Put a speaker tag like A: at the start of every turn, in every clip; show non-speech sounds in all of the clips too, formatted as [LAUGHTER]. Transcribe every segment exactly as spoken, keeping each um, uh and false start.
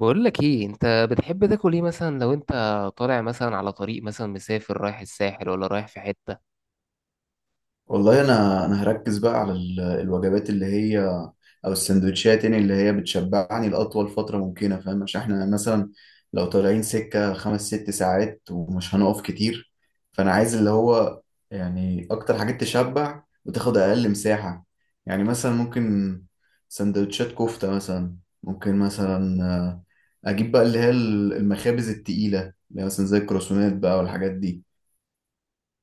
A: بقول لك ايه، انت بتحب تاكل ايه مثلا لو انت طالع مثلا على طريق، مثلا مسافر رايح الساحل ولا رايح في حتة.
B: والله انا انا هركز بقى على ال- الوجبات اللي هي، او السندوتشات، يعني اللي هي بتشبعني لاطول فتره ممكنه. فاهم؟ عشان احنا مثلا لو طالعين سكه خمس ست ساعات ومش هنقف كتير، فانا عايز اللي هو يعني اكتر حاجات تشبع وتاخد اقل مساحه. يعني مثلا ممكن سندوتشات كفته مثلا، ممكن مثلا آه، اجيب بقى اللي هي المخابز التقيله اللي هي مثلا زي الكروسونات بقى والحاجات دي.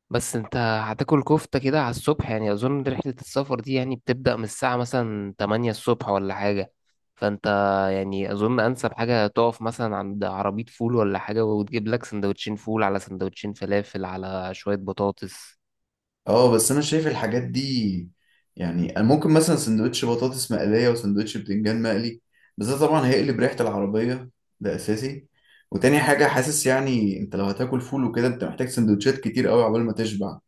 A: بس انت هتاكل كفتة كده على الصبح؟ يعني اظن رحلة السفر دي يعني بتبدأ من الساعة مثلا تمانية الصبح ولا حاجة. فانت يعني اظن انسب حاجة تقف مثلا عند عربية فول ولا حاجة، وتجيب لك سندوتشين فول على سندوتشين فلافل على شوية بطاطس.
B: اه، بس انا شايف الحاجات دي. يعني أنا ممكن مثلا سندوتش بطاطس مقلية وسندوتش بتنجان مقلي، بس ده طبعا هيقلب ريحة العربية. ده اساسي. وتاني حاجة حاسس يعني انت لو هتاكل فول وكده انت محتاج سندوتشات كتير قوي عقبال ما تشبع.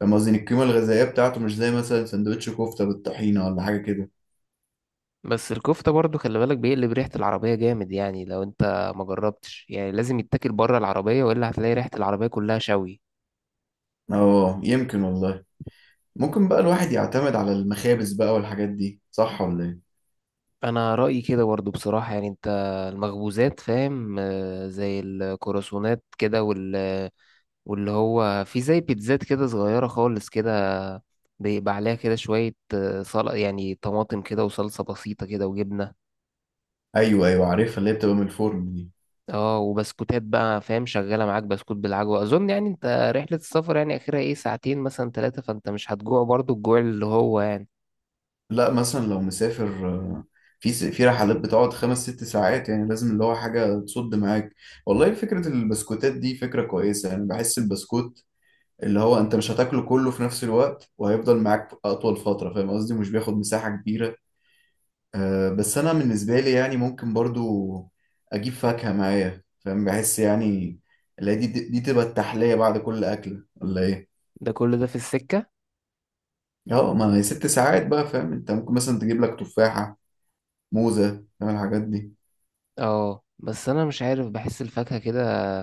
B: فاهم قصدي إن القيمة الغذائية بتاعته مش زي مثلا سندوتش كفتة بالطحينة ولا حاجة كده؟
A: بس الكفتة برضو خلي بالك بيقلب ريحة العربية جامد. يعني لو انت ما جربتش، يعني لازم يتاكل بره العربية، والا هتلاقي ريحة العربية كلها شوي.
B: اه، يمكن والله. ممكن بقى الواحد يعتمد على المخابز بقى والحاجات دي، صح ولا ايه؟
A: انا رأيي كده برضو بصراحة. يعني انت المخبوزات فاهم، آه، زي الكرواسونات كده، وال واللي هو في زي بيتزات كده صغيرة خالص كده، بيبقى عليها كده شوية، آه، صل يعني طماطم كده وصلصة بسيطة كده وجبنة.
B: ايوه ايوه، عارفها اللي هي بتبقى من الفرن دي.
A: اه، وبسكوتات بقى، فاهم؟ شغاله معاك بسكوت بالعجوه. اظن يعني انت رحله السفر يعني اخرها ايه؟ ساعتين مثلا ثلاثه، فانت مش هتجوع برضو، الجوع اللي هو يعني...
B: لا مثلا لو مسافر، آه، في س- في رحلات بتقعد خمس ست ساعات، يعني لازم اللي هو حاجة تصد معاك. والله فكرة البسكوتات دي فكرة كويسة، يعني بحس البسكوت اللي هو انت مش هتاكله كله في نفس الوقت وهيفضل معاك أطول فترة. فاهم قصدي؟ مش بياخد مساحة كبيرة. آه، بس أنا بالنسبة لي يعني ممكن برضو أجيب فاكهة معايا. فاهم، بحس يعني اللي هي دي دي تبقى التحلية بعد كل أكلة، ولا إيه؟
A: ده كل ده في السكه.
B: اه، ما هي ست ساعات بقى. فاهم، انت ممكن مثلا تجيب لك تفاحة، موزة، فاهم الحاجات دي.
A: اه، بس انا مش عارف، بحس الفاكهه كده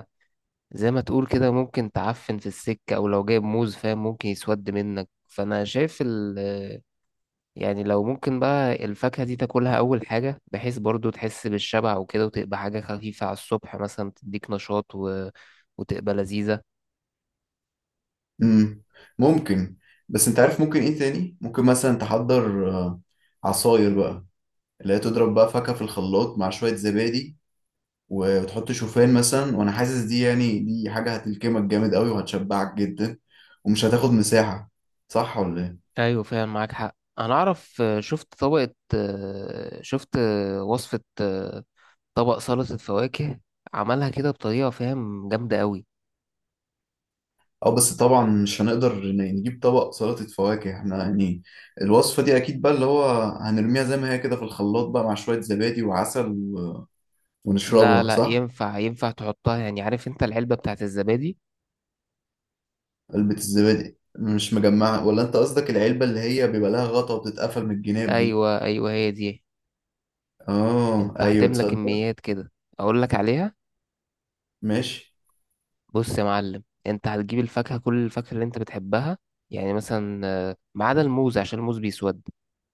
A: زي ما تقول كده ممكن تعفن في السكه، او لو جايب موز فاهم ممكن يسود منك. فانا شايف ال يعني لو ممكن بقى الفاكهه دي تاكلها اول حاجه، بحيث برضو تحس بالشبع وكده، وتبقى حاجه خفيفه على الصبح مثلا تديك نشاط و... وتبقى لذيذه.
B: امم ممكن. بس انت عارف ممكن ايه تاني؟ ممكن مثلا تحضر آه، عصاير بقى اللي هي تضرب بقى فاكهة في الخلاط مع شوية زبادي، وتحط شوفان مثلا. وانا حاسس دي، يعني دي حاجة هتلكمك جامد قوي وهتشبعك جدا ومش هتاخد مساحة. صح ولا ايه؟
A: ايوه فعلا معاك حق. انا اعرف، آه، شفت طبقة آه، شفت آه، وصفة آه، طبق سلطة فواكه، عملها كده بطريقة فاهم جامدة قوي.
B: اه، بس طبعا مش هنقدر ن- نجيب طبق سلطة فواكه احنا يعني. الوصفة دي اكيد بقى اللي هو هنرميها زي ما هي كده في الخلاط بقى مع شوية زبادي وعسل، و...
A: لا
B: ونشربها،
A: لا،
B: صح؟
A: ينفع ينفع تحطها. يعني عارف انت العلبة بتاعت الزبادي؟
B: علبة الزبادي مش مجمعة؟ ولا انت قصدك العلبة اللي هي بيبقى لها غطا وبتتقفل من الجناب دي؟
A: ايوه ايوه، هي دي.
B: اه
A: انت
B: ايوه،
A: هتملى
B: تصدق.
A: كميات كده، اقول لك عليها.
B: ماشي.
A: بص يا معلم، انت هتجيب الفاكهة، كل الفاكهة اللي انت بتحبها. يعني مثلا، آه، ما عدا الموز عشان الموز بيسود.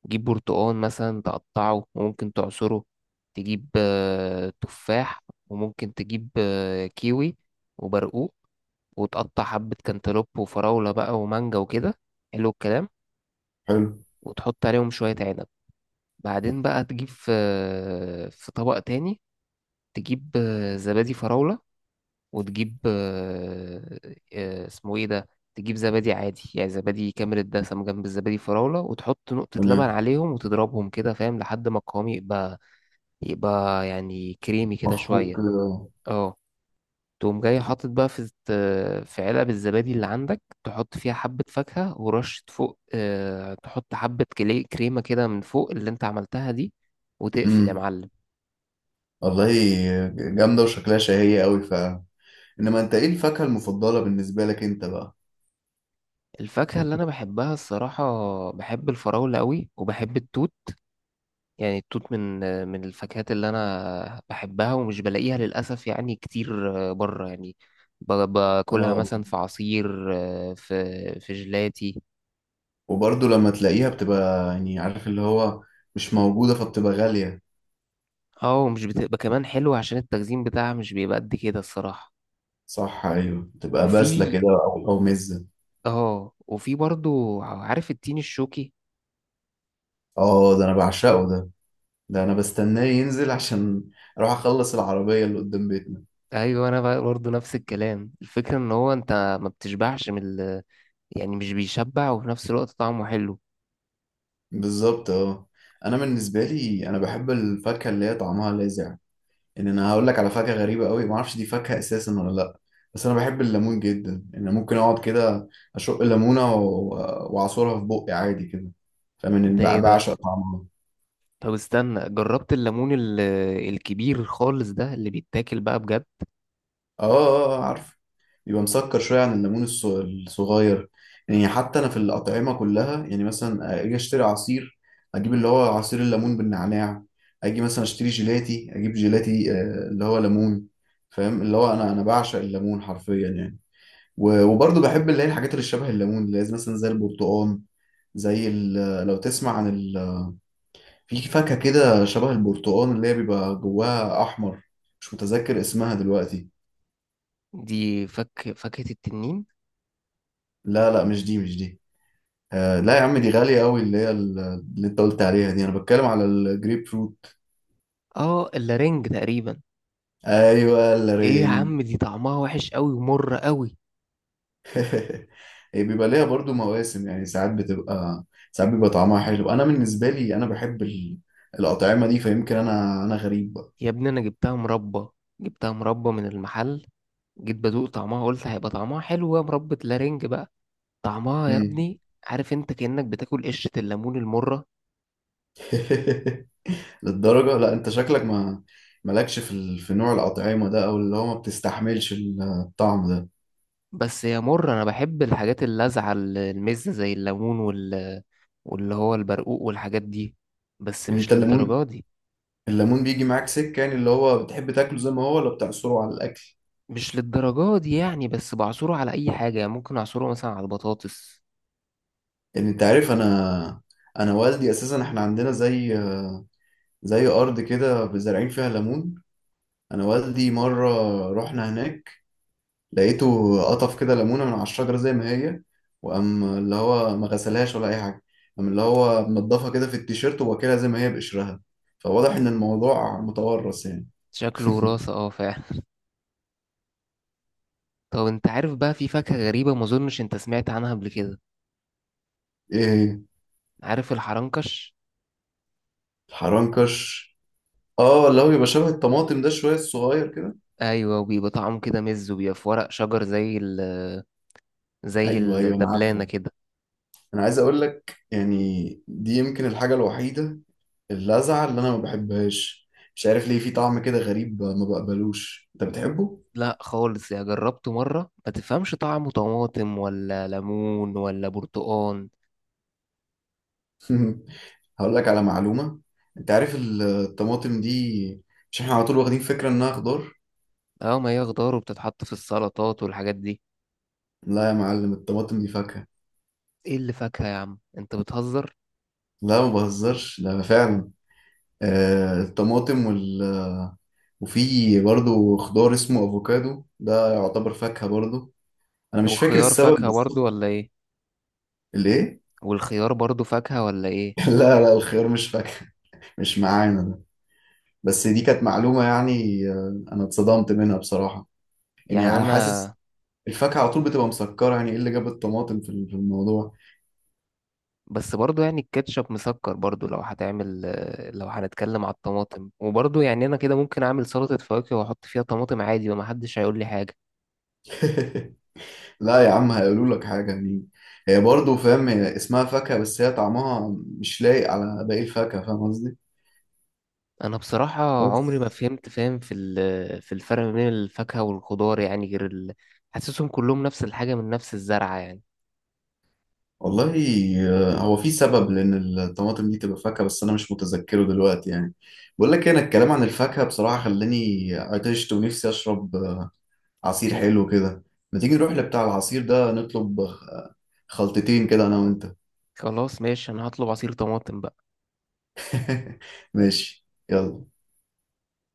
A: تجيب برتقان مثلا، تقطعه وممكن تعصره. تجيب آه، تفاح، وممكن تجيب آه، كيوي وبرقوق، وتقطع حبة كانتالوب وفراولة بقى ومانجا وكده. حلو الكلام.
B: حلو.
A: وتحط عليهم شوية عنب. بعدين بقى تجيب في، آه، في طبق تاني. تجيب آه، زبادي فراولة، وتجيب آه، آه، اسمه ايه ده؟ تجيب زبادي عادي، يعني زبادي كامل الدسم جنب الزبادي فراولة، وتحط نقطة لبن
B: تمام.
A: عليهم وتضربهم كده فاهم، لحد ما القوام يبقى، يبقى يعني كريمي كده شوية.
B: مخفوق.
A: اه. تقوم جاي حاطط بقى في الت- في علب الزبادي اللي عندك، تحط فيها حبة فاكهة ورشة فوق. اه، تحط حبة كلي- كريمة كده من فوق اللي انت عملتها دي، وتقفل يا
B: امم
A: معلم.
B: والله جامدة وشكلها شهية قوي. ف انما انت ايه الفاكهة المفضلة بالنسبة لك انت بقى؟
A: الفاكهة اللي أنا بحبها الصراحة، بحب الفراولة أوي، وبحب التوت. يعني التوت من من الفاكهات اللي انا بحبها، ومش بلاقيها للاسف يعني كتير بره يعني. ب- باكلها
B: اه،
A: مثلا في عصير، في في جيلاتي.
B: وبرضه لما تلاقيها بتبقى يعني عارف اللي هو مش موجودة، فبتبقى غالية.
A: اه، ومش بتبقى كمان حلوة عشان التخزين بتاعها مش بيبقى قد كده الصراحة.
B: صح، ايوه بتبقى باسلة
A: وفي
B: كده، او او مزة.
A: اه وفي برضو، عارف التين الشوكي؟
B: اه، ده انا بعشقه ده. ده انا بستناه ينزل، عشان اروح اخلص العربية اللي قدام بيتنا.
A: ايوه، انا بقى برضو نفس الكلام. الفكرة ان هو انت ما بتشبعش من ال... يعني مش بيشبع، وفي نفس الوقت طعمه حلو.
B: بالظبط، اه. انا بالنسبة لي انا بحب الفاكهة اللي هي طعمها لاذع. ان انا هقول لك على فاكهة غريبة قوي، ما اعرفش دي فاكهة اساسا ولا لا، بس انا بحب الليمون جدا. ان أنا ممكن اقعد كده اشق الليمونة و- واعصرها في بقي عادي كده، فمن
A: ده ايه ده؟
B: بعشق طعمها.
A: طب استنى، جربت الليمون ال- الكبير خالص ده اللي بيتاكل بقى بجد؟
B: اه اه، آه، عارف، بيبقى مسكر شوية عن الليمون الص- الصغير. يعني حتى أنا في الأطعمة كلها يعني مثلا آه، أجي أشتري عصير، أجيب اللي هو عصير الليمون بالنعناع. أجي مثلا أشتري جيلاتي أجيب جيلاتي آه، اللي هو ليمون. فاهم اللي هو أنا أنا بعشق الليمون حرفيا يعني. و- وبرضه بحب اللي هي الحاجات اللي شبه الليمون اللي هي مثلا زي البرتقال، زي ال- لو تسمع عن ال، في فاكهة كده شبه البرتقال اللي هي بيبقى جواها أحمر، مش متذكر اسمها دلوقتي.
A: دي فك فاكهة التنين.
B: لا لا، مش دي مش دي. آه لا يا عم، دي غالية قوي. اللي هي ال- اللي انت قلت عليها دي، انا بتكلم على الجريب فروت.
A: اه، اللارنج تقريبا.
B: ايوه
A: ايه يا
B: الرينج.
A: عم، دي طعمها وحش قوي ومر قوي.
B: [LAUGHS] هي بيبقى ليها برضو مواسم، يعني ساعات بتبقى، ساعات بيبقى طعمها حلو. انا بالنسبة لي انا بحب ال- الأطعمة دي، فيمكن انا انا غريب بقى.
A: يا ابني، انا جبتها مربى. جبتها مربى من المحل. جيت بدوق طعمها، قلت هيبقى طعمها حلو، يا مربى لارنج بقى. طعمها يا
B: مم.
A: ابني... عارف انت، كأنك بتاكل قشرة الليمون المرة.
B: [LAUGHS] للدرجة؟ لا انت شكلك ما مالكش في ال، في نوع الأطعمة ده، او اللي هو ما بتستحملش الطعم ده.
A: بس هي مر. انا بحب الحاجات اللاذعه، ال- المزه زي الليمون، وال واللي هو البرقوق والحاجات دي، بس
B: يعني
A: مش
B: انت الليمون،
A: للدرجه دي.
B: الليمون بيجي معاك سكة، يعني اللي هو بتحب تاكله زي ما هو ولا بتعصره على الأكل؟
A: مش للدرجه دي يعني، بس بعصره على اي حاجه يعني، ممكن اعصره مثلا على البطاطس.
B: يعني انت عارف، انا انا والدي اساسا احنا عندنا زي زي ارض كده زارعين فيها ليمون. انا والدي مره رحنا هناك، لقيته قطف كده ليمونه من على الشجره زي ما هي، وقام اللي هو ما غسلهاش ولا اي حاجه، قام اللي هو منضفها كده في التيشيرت وواكلها زي ما هي بقشرها. فواضح ان الموضوع متورث يعني.
A: شكله
B: [LAUGHS]
A: وراثه، اه فعلا. [LAUGHS] طب انت عارف بقى، في فاكهه غريبه ما اظنش انت سمعت عنها قبل كده.
B: ايه هي؟
A: عارف الحرنكش؟
B: الحرنكش. اه، اللي هو بيبقى شبه الطماطم ده شويه، الصغير كده.
A: ايوه، وبيبقى طعمه كده مز، وبيبقى في ورق شجر زي ال زي
B: ايوه ايوه انا
A: الدبلانه
B: عارفه.
A: كده.
B: انا عايز اقول لك يعني، دي يمكن الحاجه الوحيده اللذعة اللي أنا ما بحبهاش، مش عارف ليه. في طعم كده غريب ما بقبلوش. أنت بتحبه؟
A: لا خالص يا، جربته مرة ما تفهمش طعمه، طماطم ولا ليمون ولا برتقان.
B: [LAUGHS] هقول لك على معلومة. أنت عارف ال- الطماطم دي، مش إحنا على طول واخدين فكرة إنها خضار؟
A: اه، ما هي خضار وبتتحط في السلطات والحاجات دي.
B: لا يا معلم، الطماطم دي فاكهة.
A: ايه اللي فاكهة يا عم، انت بتهزر.
B: لا ما بهزرش، لا فعلا. آه الطماطم وال، وفي برضو خضار اسمه أفوكادو، ده يعتبر فاكهة برضو. أنا مش فاكر
A: والخيار
B: السبب
A: فاكهة برضو
B: بالظبط.
A: ولا ايه؟
B: ليه؟
A: والخيار برضو فاكهة ولا ايه؟
B: [LAUGHS] لا لا، الخيار مش فاكهة. مش معانا. بس دي كانت معلومة يعني، آه، أنا اتصدمت منها بصراحة. يعني
A: يعني
B: أنا حاسس
A: انا...
B: الفاكهة على طول بتبقى مسكرة، يعني إيه اللي جاب الطماطم في ال- في الموضوع؟
A: بس برضو يعني الكاتشب مسكر برضو. لو هتعمل لو هنتكلم على الطماطم، وبرضو يعني انا كده ممكن اعمل سلطة فواكه واحط فيها طماطم عادي ومحدش هيقول لي حاجة.
B: [LAUGHS] لا يا عم هيقولوا لك حاجة يعني. هي برضه فاهم، هي اسمها فاكهة بس هي طعمها مش لايق على باقي الفاكهة. فاهم قصدي؟
A: انا بصراحه عمري ما
B: بس
A: فهمت، فاهم، في ال- في الفرق ما بين الفاكهه والخضار يعني، غير ال... حاسسهم كلهم نفس الحاجه من نفس الزرعه يعني.
B: والله آه، هو في سبب لأن الطماطم دي تبقى فاكهة، بس أنا مش متذكره دلوقتي يعني. بقول لك إيه، أنا الكلام عن الفاكهة بصراحة خلاني آه، عطشت ونفسي أشرب عصير حلو كده. ما تيجي نروح لبتاع العصير ده نطلب آه، خلطتين كده انا وانت؟
A: خلاص ماشي، انا هطلب عصير طماطم بقى.
B: [LAUGHS] ماشي يلا.